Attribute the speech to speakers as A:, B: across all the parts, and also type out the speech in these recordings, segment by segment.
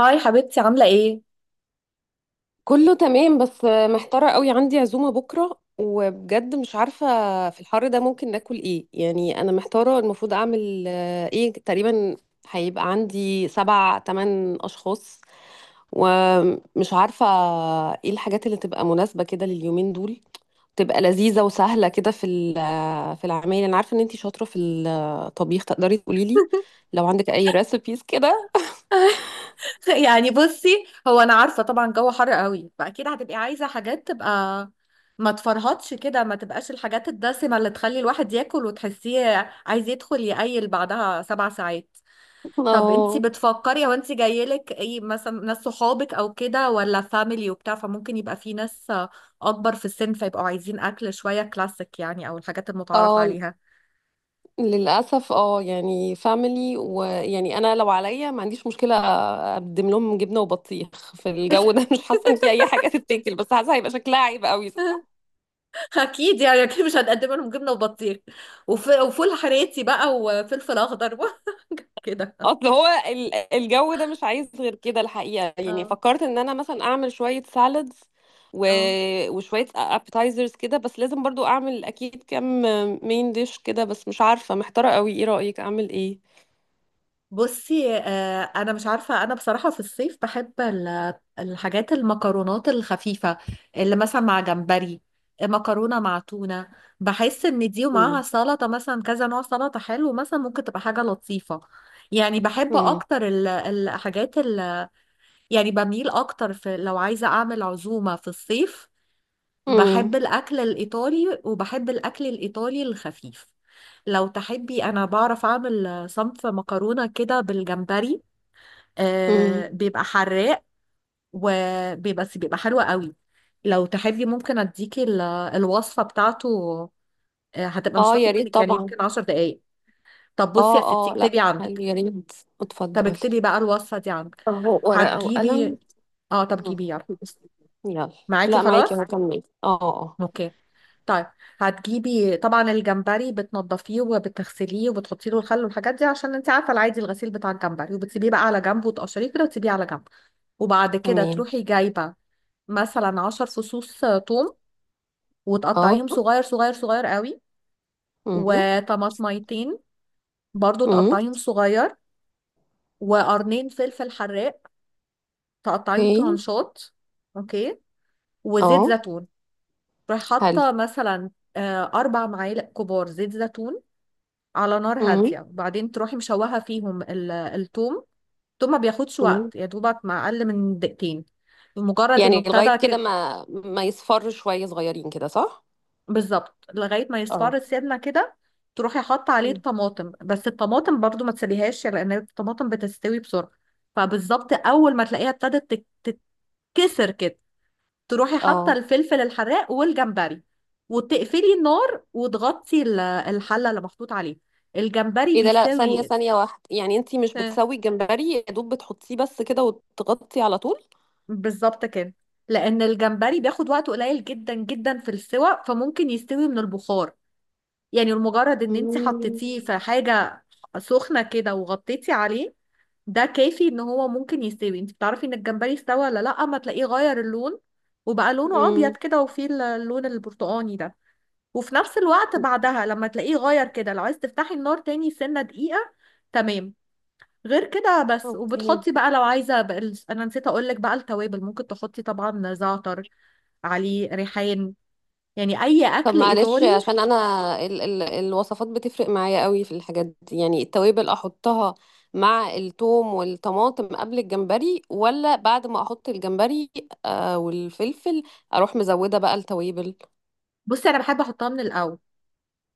A: هاي حبيبتي، عاملة ايه؟
B: كله تمام، بس محتارة قوي. عندي عزومة بكرة وبجد مش عارفة في الحر ده ممكن ناكل ايه. يعني انا محتارة المفروض اعمل ايه تقريبا. هيبقى عندي 7 8 اشخاص ومش عارفة ايه الحاجات اللي تبقى مناسبة كده لليومين دول، تبقى لذيذة وسهلة كده في في العمايل. انا عارفة ان انتي شاطرة في الطبيخ، تقدري تقولي لي لو عندك اي ريسبيز كده.
A: يعني بصي، هو انا عارفة طبعا جو حر قوي، فاكيد هتبقي عايزة حاجات تبقى ما تفرهطش كده، ما تبقاش الحاجات الدسمة اللي تخلي الواحد ياكل وتحسيه عايز يدخل يقيل بعدها سبع ساعات. طب انتي
B: اه،
A: بتفكري، هو انتي جايلك ايه؟ مثلا ناس صحابك او كده ولا فاميلي وبتاع، فممكن يبقى في ناس اكبر في السن فيبقوا عايزين اكل شوية كلاسيك يعني، او الحاجات المتعارف
B: اه.
A: عليها.
B: للأسف يعني فاميلي، ويعني أنا لو عليا ما عنديش مشكلة أقدم لهم جبنة وبطيخ في الجو ده. مش حاسة إن في أي حاجة تتاكل، بس حاسة هيبقى شكلها عيب قوي.
A: اكيد يعني، اكيد مش هنقدم لهم جبنه وبطيخ وفول حراتي بقى وفلفل اخضر بقى. كده.
B: أصل هو الجو ده مش عايز غير كده الحقيقة. يعني
A: اه
B: فكرت إن أنا مثلا أعمل شوية سالادز و...
A: اه،
B: وشوية أبتايزرز كده، بس لازم برضو أعمل أكيد كام مين ديش كده. بس مش عارفة، محتارة قوي، إيه رأيك أعمل إيه؟
A: بصي، انا مش عارفه. انا بصراحه في الصيف بحب الحاجات المكرونات الخفيفه، اللي مثلا مع جمبري، مكرونه مع تونه. بحس ان دي ومعاها
B: مم.
A: سلطه، مثلا كذا نوع سلطه حلو، مثلا ممكن تبقى حاجه لطيفه. يعني بحب
B: مم.
A: اكتر يعني بميل اكتر، في لو عايزه اعمل عزومه في الصيف
B: مم.
A: بحب الأكل الإيطالي، وبحب الأكل الإيطالي الخفيف. لو تحبي أنا بعرف أعمل صنف مكرونة كده بالجمبري،
B: مم.
A: آه بيبقى حراق، وبيبقى بس بيبقى حلو قوي. لو تحبي ممكن أديكي الوصفة بتاعته. آه هتبقى مش
B: اه،
A: هتاخد
B: يا ريت
A: منك يعني
B: طبعا.
A: يمكن عشر دقايق. طب بصي يا
B: اه
A: ستي،
B: اه، لا
A: اكتبي
B: حلو،
A: عندك.
B: يا ريت.
A: طب
B: اتفضلي.
A: اكتبي بقى الوصفة دي عندك.
B: اهو ورقة
A: هتجيبي؟
B: وقلم.
A: اه طب
B: مم.
A: جيبي يلا.
B: يلا.
A: معاكي
B: لا معاكي،
A: خلاص؟
B: اهو كملي. اه اه
A: اوكي، طيب. هتجيبي طبعا الجمبري، بتنضفيه وبتغسليه وبتحطي له الخل والحاجات دي عشان انت عارفه العادي الغسيل بتاع الجمبري، وبتسيبيه بقى على جنب وتقشريه كده وتسيبيه على جنب. وبعد كده
B: تمام.
A: تروحي جايبه مثلا عشر فصوص توم،
B: اه.
A: وتقطعيهم صغير صغير صغير قوي.
B: امم
A: وطماطميتين برضو
B: امم
A: تقطعيهم صغير. وقرنين فلفل حراق تقطعيهم
B: اوكي.
A: ترانشات. اوكي. وزيت
B: اه.
A: زيتون، تروحي
B: حلو.
A: حاطه مثلا اربع معالق كبار زيت زيتون على نار
B: امم
A: هادية. وبعدين تروحي مشوحة فيهم الثوم. الثوم ما بياخدش
B: امم
A: وقت، يا دوبك مع أقل من دقيقتين، مجرد إنه
B: يعني لغاية
A: ابتدى
B: كده
A: كده.
B: ما يصفر شوية صغيرين كده، صح؟
A: بالظبط، لغاية ما يصفر
B: اه.
A: السمنة كده تروحي حاطة عليه
B: مم.
A: الطماطم، بس الطماطم برضو ما تسليهاش لأن الطماطم بتستوي بسرعة. فبالظبط أول ما تلاقيها ابتدت تت- تتكسر كده، تروحي حاطة
B: اه،
A: الفلفل الحراق والجمبري، وتقفلي النار وتغطي الحلة اللي محطوط عليه الجمبري،
B: ايه ده؟ لا ثانية
A: بيساوي.
B: ثانية واحدة، يعني انتي مش بتسوي الجمبري يا دوب، بتحطيه بس كده وتغطي على طول؟
A: بالظبط كده. لان الجمبري بياخد وقت قليل جدا جدا في السوى، فممكن يستوي من البخار. يعني المجرد ان انت
B: امم
A: حطيتيه في حاجه سخنه كده وغطيتي عليه، ده كافي ان هو ممكن يستوي. انت بتعرفي ان الجمبري استوى ولا لا، اما تلاقيه غير اللون وبقى لونه ابيض
B: امم
A: كده، وفيه اللون البرتقاني ده. وفي نفس الوقت بعدها لما تلاقيه غير كده لو عايز تفتحي النار تاني سنه دقيقه. تمام غير كده بس.
B: اوكي.
A: وبتحطي بقى لو عايزه بقى انا نسيت اقول لك بقى التوابل، ممكن تحطي طبعا زعتر، عليه ريحان، يعني اي
B: طب
A: اكل
B: معلش،
A: ايطالي.
B: عشان انا ال الوصفات بتفرق معايا قوي في الحاجات دي. يعني التوابل احطها مع الثوم والطماطم قبل الجمبري ولا بعد ما احط الجمبري والفلفل، اروح مزودة بقى التوابل؟
A: بصي انا بحب احطها من الاول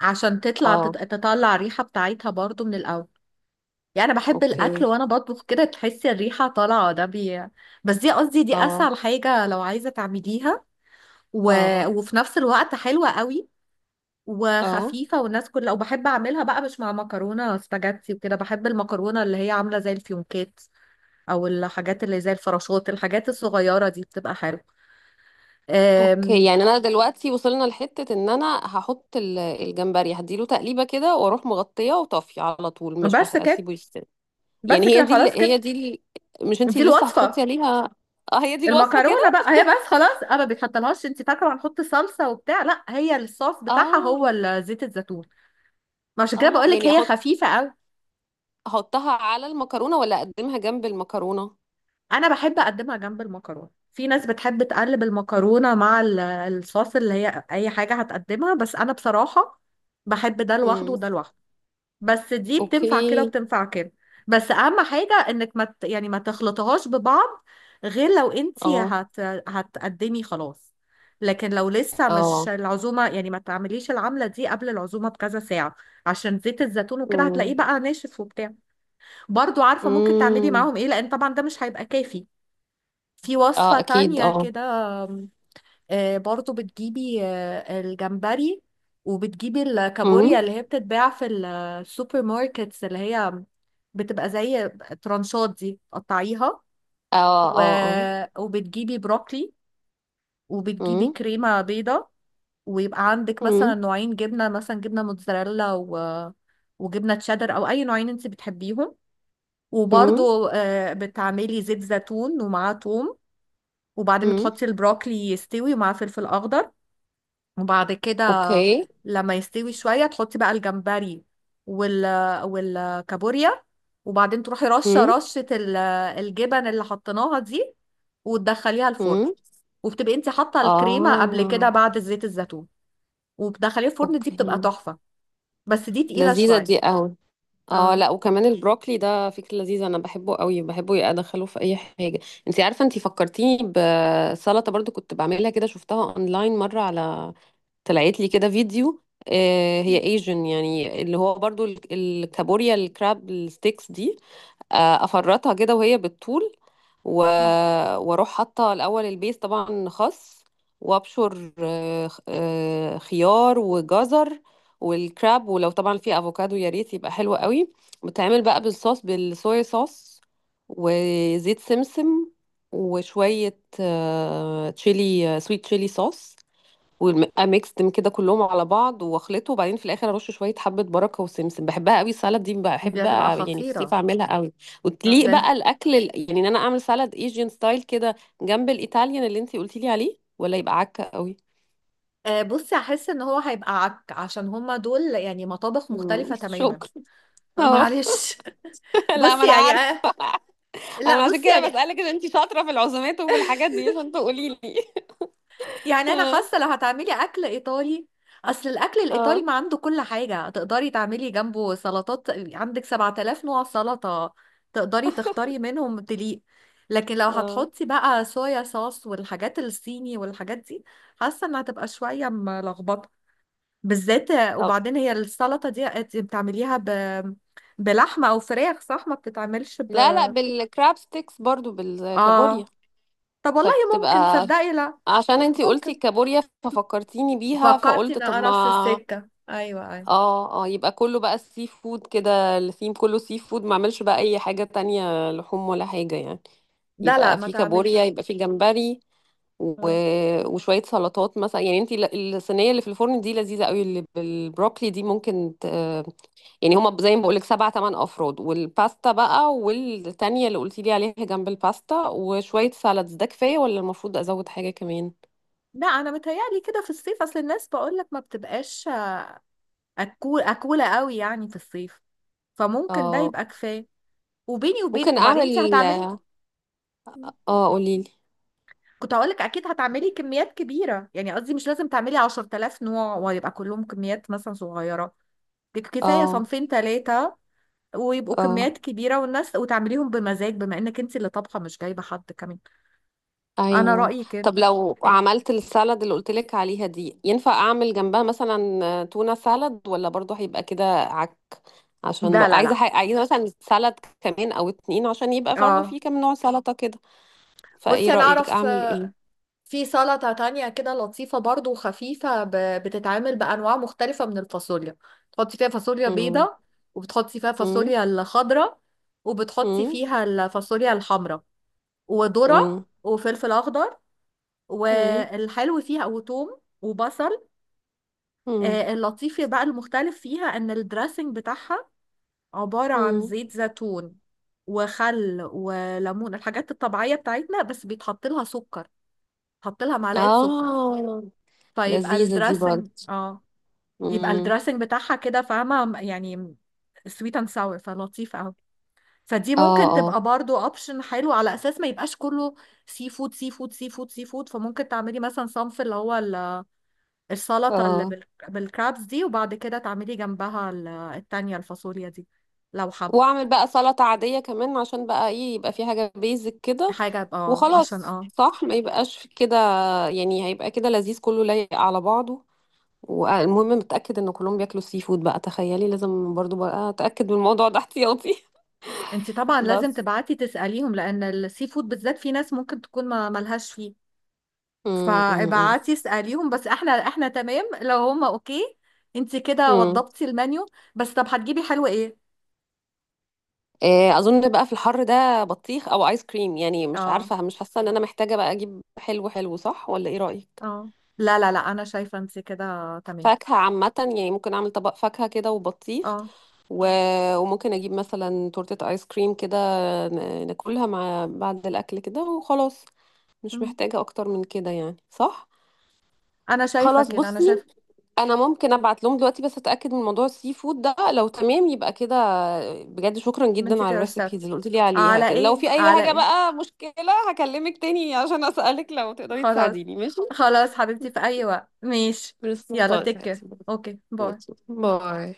A: عشان تطلع
B: اه.
A: تطلع الريحه بتاعتها برضو من الاول. يعني انا بحب الاكل
B: اوكي.
A: وانا بطبخ كده تحسي الريحه طالعه بس دي قصدي، دي
B: اه
A: اسهل حاجه لو عايزه تعمليها. و...
B: اه
A: وفي نفس الوقت حلوه قوي
B: اه
A: وخفيفه، والناس كلها. وبحب اعملها بقى مش مع مكرونه سباجيتي وكده، بحب المكرونه اللي هي عامله زي الفيونكات، او الحاجات اللي زي الفراشات، الحاجات الصغيره دي بتبقى حلوه.
B: اوكي.
A: أم،
B: يعني انا دلوقتي وصلنا لحتة ان انا هحط الجمبري، هديله تقليبة كده واروح مغطية وطافية على طول، مش
A: بس كده.
B: هسيبه يستوي. يعني
A: بس كده خلاص كده.
B: هي دي مش انتي
A: دي
B: لسه هتحطي
A: الوصفه.
B: عليها؟ اه، هي دي الوصفة
A: المكرونه
B: كده.
A: بقى هي بس خلاص، انا ما بتحطلهاش. انت فاكره هنحط صلصه وبتاع؟ لا، هي الصوص بتاعها هو
B: اه
A: زيت الزيتون. ما عشان كده
B: اه،
A: بقول لك
B: يعني
A: هي خفيفه قوي.
B: احطها على المكرونة ولا اقدمها جنب المكرونة؟
A: انا بحب اقدمها جنب المكرونه، في ناس بتحب تقلب المكرونه مع الصوص اللي هي اي حاجه هتقدمها، بس انا بصراحه بحب ده لوحده
B: امم.
A: وده لوحده. بس دي بتنفع كده
B: اوكي.
A: وبتنفع كده. بس اهم حاجة انك ما ت- يعني ما تخلطهاش ببعض، غير لو انتي
B: اه.
A: هتقدمي خلاص. لكن لو لسه مش
B: اه.
A: العزومة، يعني ما تعمليش العملة دي قبل العزومة بكذا ساعة، عشان زيت الزيتون وكده هتلاقيه
B: امم.
A: بقى ناشف وبتاع. برضو عارفة ممكن تعملي
B: امم.
A: معاهم ايه، لان طبعا ده مش هيبقى كافي. في وصفة
B: اه اكيد
A: تانية
B: اه.
A: كده، برضو بتجيبي الجمبري، وبتجيبي
B: امم.
A: الكابوريا اللي هي بتتباع في السوبر ماركتس، اللي هي بتبقى زي ترانشات دي تقطعيها.
B: اه
A: و...
B: اه
A: وبتجيبي بروكلي، وبتجيبي
B: امم
A: كريمة بيضة. ويبقى عندك مثلا
B: امم
A: نوعين جبنة، مثلا جبنة موتزاريلا وجبنة تشيدر، أو أي نوعين أنت بتحبيهم.
B: امم
A: وبرضو بتعملي زيت زيتون ومعاه توم، وبعدين
B: امم
A: بتحطي البروكلي يستوي ومعاه فلفل أخضر. وبعد كده
B: اوكي.
A: لما يستوي شوية تحطي بقى الجمبري وال والكابوريا. وبعدين تروحي رشة
B: امم
A: رشة الجبن اللي حطيناها دي، وتدخليها الفرن.
B: امم
A: وبتبقي انت حاطة الكريمة قبل كده
B: اه.
A: بعد زيت الزيتون، وبتدخليها الفرن. دي
B: اوكي.
A: بتبقى تحفة. بس دي تقيلة
B: لذيذة
A: شوية.
B: دي قوي. اه،
A: اه
B: لا وكمان البروكلي ده فكرة لذيذة. انا بحبه قوي، بحبه يا ادخله في اي حاجة. انت عارفة، انت فكرتيني بسلطة برضو كنت بعملها كده، شفتها اونلاين مرة على، طلعت لي كده فيديو، هي ايجن، يعني اللي هو برضو الكابوريا الكراب الستيكس دي، افرطها كده وهي بالطول و... واروح حاطه الاول البيس، طبعا خس، وابشر خيار وجزر، والكراب، ولو طبعا في افوكادو يا ريت، يبقى حلو قوي. بتعمل بقى بالصويا صوص وزيت سمسم، وشويه آه، تشيلي سويت تشيلي صوص، ويبقى ميكستم كده كلهم على بعض، واخلطه، وبعدين في الاخر ارش شويه حبه بركه وسمسم. بحبها قوي السلطه دي،
A: دي
B: بحب
A: هتبقى
B: يعني في الصيف
A: خطيرة.
B: اعملها قوي. وتليق
A: ده انت.
B: بقى الاكل يعني ان انا اعمل سلطه ايجين ستايل كده جنب الايطاليان اللي انتي قلتي لي عليه، ولا يبقى عكه قوي؟
A: بصي هحس ان هو هيبقى عك، عشان هما دول يعني مطابخ
B: مم.
A: مختلفة تماما.
B: شكرا. اهو.
A: معلش.
B: لا ما
A: بصي
B: انا
A: يعني
B: عارفه.
A: لا
B: انا عشان
A: بصي
B: كده
A: يعني،
B: بسالك، ان انتي شاطره في العزومات وفي الحاجات دي، عشان تقولي لي.
A: يعني انا
B: اه
A: حاسه لو هتعملي اكل ايطالي، اصل الاكل الايطالي
B: اه
A: ما عنده كل حاجه تقدري تعملي جنبه سلطات. عندك 7000 نوع سلطه تقدري تختاري منهم تليق. لكن لو
B: اه.
A: هتحطي بقى صويا صوص والحاجات الصيني والحاجات دي، حاسه انها هتبقى شويه ملخبطه. بالذات.
B: طب
A: وبعدين هي السلطه دي أنت بتعمليها بلحمه او فراخ، صح؟ ما بتتعملش ب
B: لا لا، بالكراب ستيكس، برضو بالكابوريا،
A: اه. طب والله ممكن
B: فبتبقى.
A: تصدقي، لا
B: عشان انتي قلتي
A: ممكن
B: الكابوريا ففكرتيني بيها،
A: فكرتي
B: فقلت
A: ان
B: طب
A: انا نفس
B: ما.
A: السكه، ايوه ايوه.
B: اه اه، يبقى كله بقى السي فود كده، الثيم كله سي فود، ما اعملش بقى اي حاجة تانية لحوم ولا حاجة يعني.
A: لا لا
B: يبقى
A: ما
B: في كابوريا،
A: تعمليش.
B: يبقى في جمبري و...
A: اه.
B: وشوية سلطات مثلا. يعني انتي الصينية اللي في الفرن دي لذيذة قوي، اللي بالبروكلي دي ممكن يعني هما زي ما بقولك 7 8 افراد، والباستا بقى والتانية اللي قلتيلي عليها جنب الباستا، وشوية سالادز، ده كفاية ولا المفروض ازود حاجة كمان؟
A: لا انا متهيألي كده في الصيف، اصل الناس بقولك ما بتبقاش أكولة قوي يعني في الصيف، فممكن ده
B: اه.
A: يبقى كفايه. وبيني
B: ممكن
A: وبينك وبعدين انت
B: اعمل.
A: هتعملي،
B: اه، قوليلي.
A: كنت هقولك اكيد هتعملي كميات كبيره، يعني قصدي مش لازم تعملي 10,000 نوع ويبقى كلهم كميات مثلا صغيره. كفايه
B: اه
A: صنفين ثلاثه، ويبقوا
B: اه
A: كميات كبيره والناس، وتعمليهم بمزاج بما انك انت اللي طبخه مش جايبه حد كمان. انا
B: ايوه.
A: رأيي كده.
B: طب لو عملت السالاد اللي قلتلك عليها دي، ينفع اعمل جنبها مثلا تونة سالاد، ولا برضو هيبقى كده عك؟ عشان
A: لا لا لا.
B: عايزه مثلا سالاد كمان او اتنين، عشان يبقى برضو
A: اه
B: في كام نوع سلطه كده. فايه
A: بصي انا
B: رأيك
A: اعرف
B: اعمل ايه؟
A: في سلطة تانية كده لطيفة برضو وخفيفة، بتتعمل بانواع مختلفة من الفاصوليا. تحطي فيها فاصوليا
B: مم.
A: بيضة، وبتحطي فيها
B: مم.
A: فاصوليا الخضراء، وبتحطي
B: مم.
A: فيها الفاصوليا الحمراء، وذرة
B: مم.
A: وفلفل اخضر
B: مم.
A: والحلو فيها وتوم وبصل.
B: مم.
A: اللطيف بقى المختلف فيها ان الدريسنج بتاعها عبارة عن
B: مم.
A: زيت زيتون وخل وليمون الحاجات الطبيعية بتاعتنا، بس بيتحط لها سكر. حط لها معلقه سكر،
B: اه،
A: فيبقى
B: لذيذه دي
A: الدراسنج،
B: برضو.
A: اه، يبقى
B: مم.
A: الدراسنج بتاعها كده، فاهمه يعني؟ سويت اند ساور، فلطيف قوي. فدي
B: اه
A: ممكن
B: اه
A: تبقى برضو اوبشن حلو على اساس ما يبقاش كله سي فود سي فود سي فود سي فود. فممكن تعملي مثلا صنف اللي هو السلطه اللي
B: اه.
A: بالكرابس دي، وبعد كده تعملي جنبها التانية الفاصوليا دي لو حب
B: واعمل بقى سلطة عادية كمان، عشان بقى ايه، يبقى في حاجة بيزك كده
A: حاجه، يبقى اه عشان
B: وخلاص،
A: اه.
B: صح؟ ما يبقاش في كده. يعني هيبقى كده لذيذ كله، لايق على بعضه. والمهم متأكد ان كلهم بياكلوا السي فود بقى. تخيلي لازم برضو بقى اتأكد من الموضوع ده احتياطي.
A: انت طبعا لازم
B: بس.
A: تبعتي تسأليهم، لان السي فود بالذات في ناس ممكن تكون ما ملهاش فيه.
B: امم امم
A: فابعتي اسأليهم، بس احنا تمام لو هما اوكي. انت كده
B: امم
A: وضبتي المنيو، بس طب هتجيبي حلو ايه؟
B: اظن بقى في الحر ده بطيخ او ايس كريم. يعني مش
A: اه
B: عارفة، مش حاسة ان انا محتاجة بقى اجيب حلو، صح؟ ولا ايه رأيك؟
A: اه. لا لا لا انا شايفة انت كده تمام.
B: فاكهة عامة، يعني ممكن أعمل طبق فاكهة كده وبطيخ،
A: اه،
B: و... وممكن أجيب مثلا تورتة آيس كريم كده، ناكلها مع بعد الأكل كده وخلاص. مش
A: مم.
B: محتاجة أكتر من كده يعني، صح؟
A: انا شايفة
B: خلاص
A: كده، انا
B: بصي،
A: شايفة.
B: أنا ممكن أبعت لهم دلوقتي بس أتأكد من موضوع السي فود ده، لو تمام يبقى كده. بجد شكرا
A: ما انت
B: جدا على
A: كده رشاد.
B: الريسبيز اللي قلت لي عليها
A: على
B: كده. لو
A: ايه،
B: في أي
A: على
B: حاجة
A: ايه.
B: بقى مشكلة هكلمك تاني عشان أسألك، لو تقدري
A: خلاص.
B: تساعديني، ماشي؟
A: خلاص حبيبتي، في اي وقت ماشي.
B: بس
A: يلا
B: خلاص
A: تك
B: يا
A: كير.
B: حبيبتي.
A: اوكي
B: ماشي.
A: باي.
B: باي.